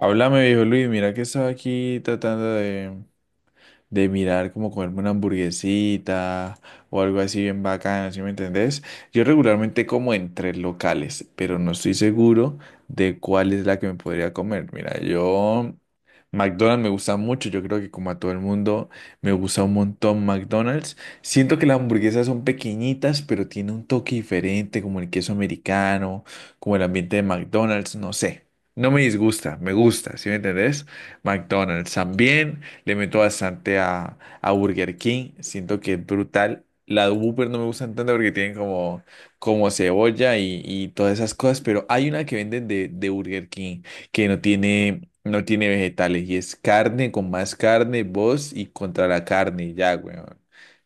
Háblame, viejo Luis, mira que estaba aquí tratando de mirar como comerme una hamburguesita o algo así bien bacano, ¿sí me entendés? Yo regularmente como en tres locales, pero no estoy seguro de cuál es la que me podría comer. Mira, yo McDonald's me gusta mucho, yo creo que como a todo el mundo me gusta un montón McDonald's. Siento que las hamburguesas son pequeñitas, pero tiene un toque diferente, como el queso americano, como el ambiente de McDonald's, no sé. No me disgusta, me gusta, ¿sí me entendés? McDonald's también. Le meto bastante a Burger King. Siento que es brutal. La de Whopper no me gustan tanto porque tienen como cebolla y todas esas cosas. Pero hay una que venden de Burger King que no tiene vegetales. Y es carne con más carne, voz y contra la carne. Y ya, weón.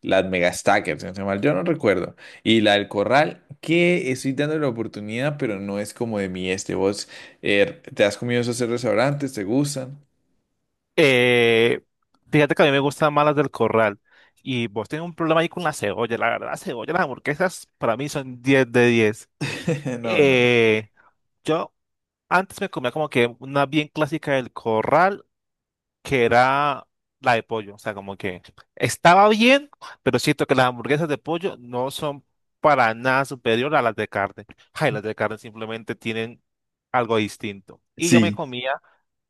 Las Mega Stackers, si no estoy mal, yo no recuerdo. Y la del Corral, que estoy dando la oportunidad, pero no es como de mí este. ¿Vos te has comido esos restaurantes? ¿Te gustan? Eh, fíjate que a mí me gustan más las del corral. Y vos tenés un problema ahí con la cebolla. La verdad, la cebolla, las hamburguesas para mí son 10 de 10. No, no, no. Eh, yo antes me comía como que una bien clásica del corral, que era la de pollo. O sea, como que estaba bien, pero siento que las hamburguesas de pollo no son para nada superior a las de carne. Ay, las de carne simplemente tienen algo distinto. Y yo me Sí. comía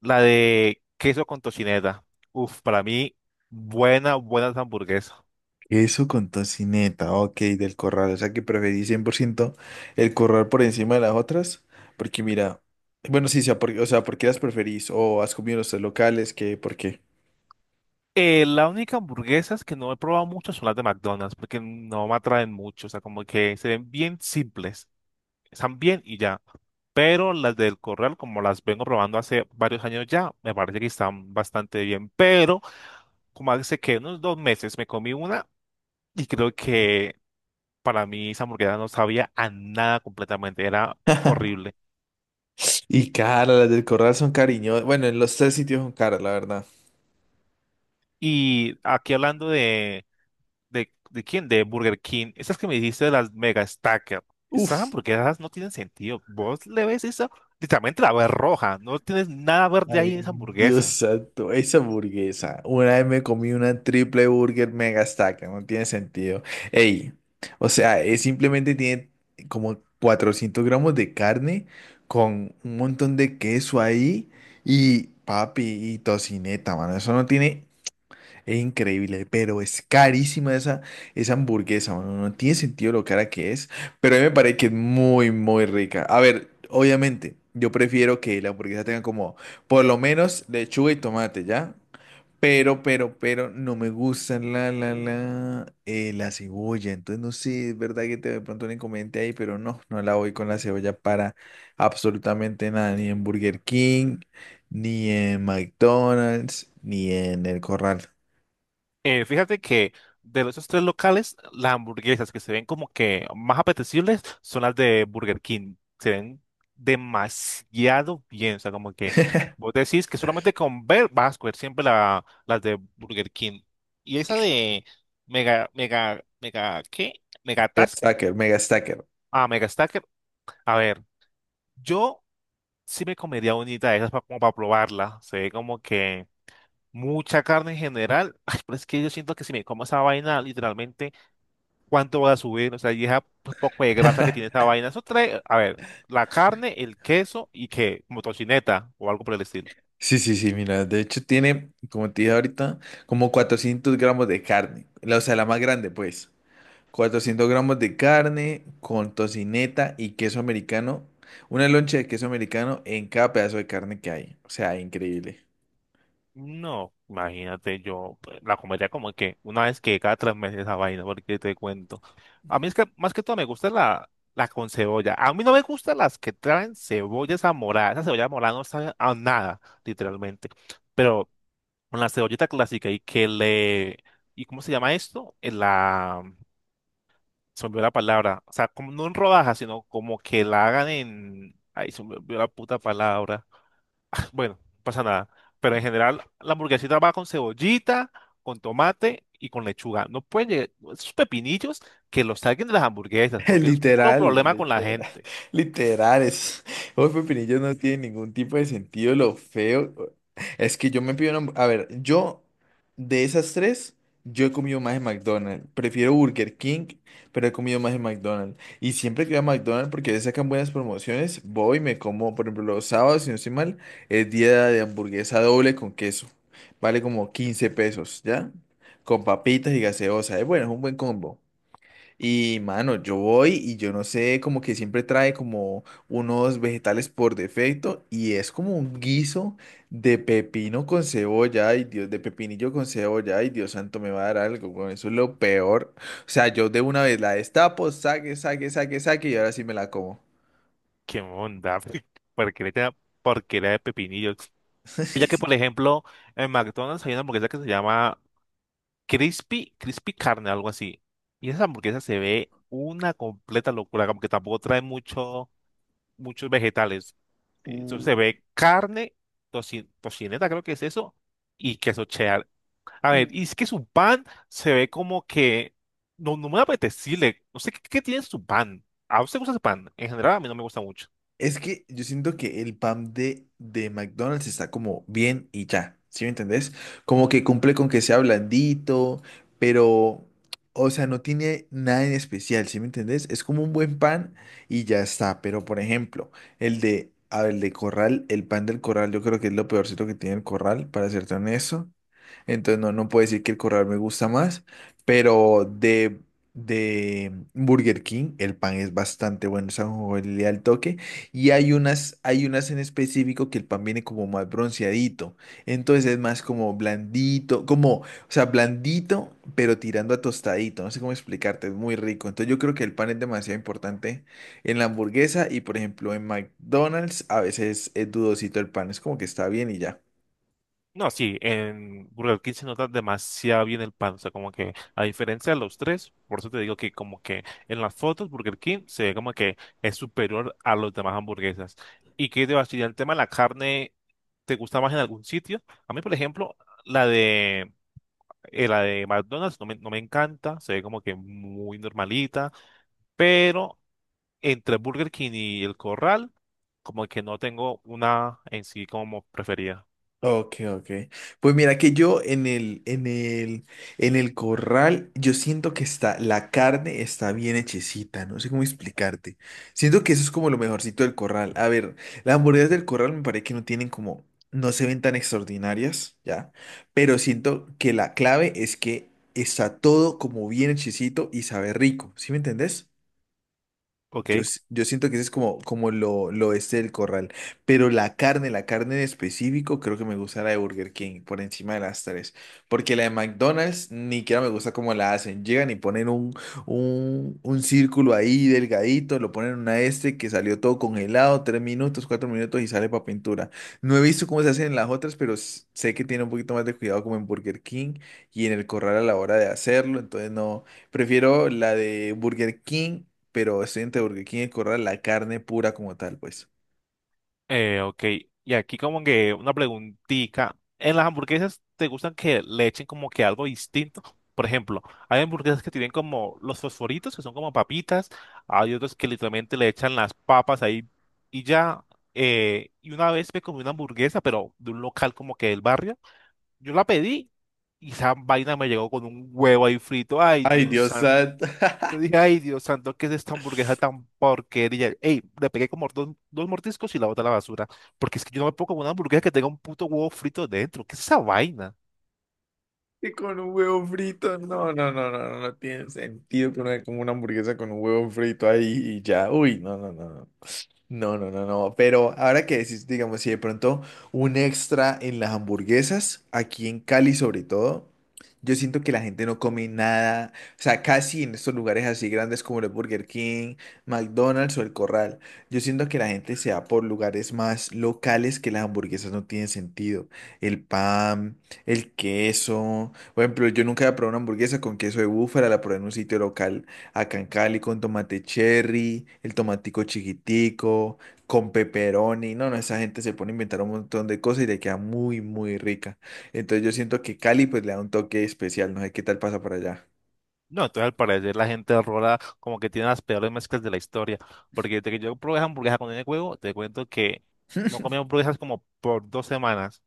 la de queso con tocineta. Uf, para mí, buena, buena hamburguesa. Eso con tocineta, ok, del Corral. O sea que preferí 100% el Corral por encima de las otras. Porque mira, bueno, sí, sea o sea, ¿por qué las preferís? ¿O has comido en los tres locales? ¿Qué? ¿Por qué? La única hamburguesas que no he probado mucho son las de McDonald's, porque no me atraen mucho. O sea, como que se ven bien simples. Están bien y ya. Pero las del Corral, como las vengo probando hace varios años ya, me parece que están bastante bien. Pero, como hace que unos 2 meses me comí una y creo que para mí esa hamburguesa no sabía a nada completamente. Era horrible. Y caras, las del Corral son cariñosas. Bueno, en los tres sitios son caras, la verdad. Y aquí hablando de ¿De quién? De Burger King. Esas que me dijiste de las Mega Stacker. Esas Uf. hamburguesas no tienen sentido. Vos le ves eso, literalmente la ves roja. No tienes nada verde Ay, ahí en esa Dios hamburguesa. santo, esa hamburguesa. Una vez me comí una triple burger mega stack, no tiene sentido. Ey, o sea, es simplemente tiene como 400 gramos de carne con un montón de queso ahí y papi y tocineta, mano. Eso no tiene. Es increíble, pero es carísima esa hamburguesa, mano. No tiene sentido lo cara que es, pero a mí me parece que es muy, muy rica. A ver, obviamente, yo prefiero que la hamburguesa tenga como por lo menos lechuga y tomate, ¿ya? Pero no me gusta la cebolla. Entonces, no sé, es verdad que te de pronto un inconveniente ahí, pero no la voy con la cebolla para absolutamente nada, ni en Burger King, ni en McDonald's, ni en el Corral. Fíjate que de esos 3 locales, las hamburguesas que se ven como que más apetecibles son las de Burger King. Se ven demasiado bien. O sea, como que vos decís que solamente con ver vas a escoger siempre las de Burger King. Y esa de Mega, Mega, Mega, ¿qué? Mega Megatas. Stacker, Mega Stacker. Ah, mega stacker. A ver, yo sí me comería unita de esas como para probarla. Se ve como que mucha carne en general. Ay, pero es que yo siento que si me como esa vaina, literalmente, ¿cuánto voy a subir? O sea, y esa poco de grasa que tiene esa vaina. Eso trae, a ver, la carne, el queso y que, como tocineta o algo por el estilo. Sí, sí, sí, mira, de hecho tiene, como te dije ahorita, como 400 gramos de carne, la- o sea, la más grande, pues. 400 gramos de carne con tocineta y queso americano, una loncha de queso americano en cada pedazo de carne que hay, o sea, increíble. No, imagínate, yo pues, la comería como que una vez que cada 3 meses esa vaina, porque te cuento. A mí es que más que todo me gusta la con cebolla. A mí no me gustan las que traen cebolla esa morada. Esa cebolla morada no sabe a nada, literalmente. Pero con la cebollita clásica y que le... ¿Y cómo se llama esto? En La... Se me olvidó la palabra. O sea, como no en rodajas, sino como que la hagan en... Ay, se me olvidó la puta palabra. Bueno, no pasa nada. Pero en general, la hamburguesita va con cebollita, con tomate y con lechuga. No pueden llegar esos pepinillos que los saquen de las hamburguesas, porque eso es puro Literal, problema con la literal, gente. literal, es, hoy pepinillos no tiene ningún tipo de sentido, lo feo, es que yo me pido una, a ver, yo, de esas tres, yo he comido más en McDonald's, prefiero Burger King, pero he comido más en McDonald's, y siempre que voy a McDonald's, porque le sacan buenas promociones, voy y me como, por ejemplo, los sábados, si no estoy mal, es día de hamburguesa doble con queso, vale como 15 pesos, ¿ya? Con papitas y gaseosa, es bueno, es un buen combo. Y mano, yo voy y yo no sé, como que siempre trae como unos vegetales por defecto y es como un guiso de pepino con cebolla, ay Dios, de pepinillo con cebolla, ay Dios santo, me va a dar algo, con eso es lo peor. O sea, yo de una vez la destapo, saque, saque, saque, saque y ahora sí me la como. ¿Qué onda? Porque le echan porquería de pepinillos. Ya que, por Sí. ejemplo, en McDonald's hay una hamburguesa que se llama Crispy, Crispy Carne, algo así. Y esa hamburguesa se ve una completa locura, como que tampoco trae mucho, muchos vegetales. Eso Uh, se ve carne, tocineta, creo que es eso, y queso cheddar. A ver, uh. y es que su pan se ve como que no me apetecible. No sé qué tiene su pan. ¿A usted le gusta su pan? En general, a mí no me gusta mucho. Es que yo siento que el pan de McDonald's está como bien y ya, ¿sí me entendés? Como que cumple con que sea blandito, pero, o sea, no tiene nada en especial, ¿sí me entendés? Es como un buen pan y ya está, pero por ejemplo, el de, a ver, el de Corral, el pan del Corral, yo creo que es lo peorcito que tiene el Corral, para serte honesto. Entonces no, no puedo decir que el Corral me gusta más, pero de Burger King el pan es bastante bueno, o sea, le da el toque y hay unas en específico que el pan viene como más bronceadito. Entonces es más como blandito, como, o sea, blandito, pero tirando a tostadito. No sé cómo explicarte, es muy rico. Entonces yo creo que el pan es demasiado importante en la hamburguesa y, por ejemplo, en McDonald's a veces es dudosito el pan. Es como que está bien y ya. No, sí, en Burger King se nota demasiado bien el pan, o sea, como que a diferencia de los tres, por eso te digo que como que en las fotos Burger King se ve como que es superior a los demás hamburguesas. ¿Y qué te va a decir? El tema de la carne, ¿te gusta más en algún sitio? A mí, por ejemplo, la de, la de McDonald's no me encanta, se ve como que muy normalita, pero entre Burger King y El Corral, como que no tengo una en sí como preferida. Ok, ok. Pues mira que yo en el Corral, yo siento que está, la carne está bien hechecita, no sé cómo explicarte. Siento que eso es como lo mejorcito del Corral. A ver, las hamburguesas del Corral me parece que no tienen como, no se ven tan extraordinarias, ¿ya? Pero siento que la clave es que está todo como bien hechecito y sabe rico, ¿sí me entendés? Ok. Yo, yo siento que ese es como, como lo este del Corral. Pero la carne en específico, creo que me gusta la de Burger King por encima de las tres. Porque la de McDonald's ni siquiera me gusta cómo la hacen. Llegan y ponen un círculo ahí delgadito, lo ponen en una este que salió todo congelado, tres minutos, cuatro minutos y sale para pintura. No he visto cómo se hacen en las otras, pero sé que tiene un poquito más de cuidado como en Burger King y en el Corral a la hora de hacerlo. Entonces no, prefiero la de Burger King pero excelente porque aquí en el Corral la carne pura como tal, pues. Ok, y aquí como que una preguntita. ¿En las hamburguesas te gustan que le echen como que algo distinto? Por ejemplo, hay hamburguesas que tienen como los fosforitos, que son como papitas, hay otros que literalmente le echan las papas ahí y ya. Y una vez me comí una hamburguesa, pero de un local como que del barrio, yo la pedí y esa vaina me llegó con un huevo ahí frito. Ay, Ay, Dios Dios santo. santo. Yo dije, ay, Dios santo, ¿qué es esta hamburguesa tan porquería? Ey, le pegué como dos mordiscos y la boté a la basura. Porque es que yo no me puedo comer una hamburguesa que tenga un puto huevo frito dentro. ¿Qué es esa vaina? Y con un huevo frito. No, no, no, no, no, no tiene sentido que uno coma una hamburguesa con un huevo frito ahí y ya. Uy, no, no, no. No. No, no, no, no. Pero ahora que decís, digamos, si de pronto un extra en las hamburguesas, aquí en Cali sobre todo, yo siento que la gente no come nada, o sea, casi en estos lugares así grandes como el Burger King, McDonald's o El Corral, yo siento que la gente se va por lugares más locales que las hamburguesas no tienen sentido. El pan, el queso, por ejemplo, yo nunca he probado una hamburguesa con queso de búfala, la probé en un sitio local acá en Cali con tomate cherry, el tomatico chiquitico, con pepperoni. No, no, esa gente se pone a inventar un montón de cosas y le queda muy, muy rica. Entonces yo siento que Cali pues le da un toque especial. No sé qué tal pasa para allá. No, entonces al parecer la gente de Rola como que tiene las peores mezclas de la historia. Porque desde que yo probé esa hamburguesa con el huevo, te cuento que no comí hamburguesas como por 2 semanas.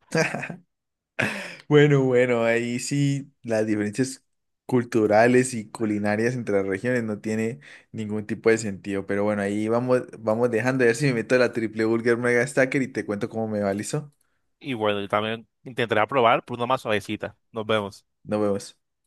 Bueno, bueno, ahí sí las diferencias culturales y culinarias entre las regiones no tiene ningún tipo de sentido. Pero bueno, ahí vamos, vamos dejando. A ver si me meto a la triple burger mega stacker y te cuento cómo me va, ¿listo? Y bueno, yo también intentaré probar por una más suavecita. Nos vemos. Nos vemos.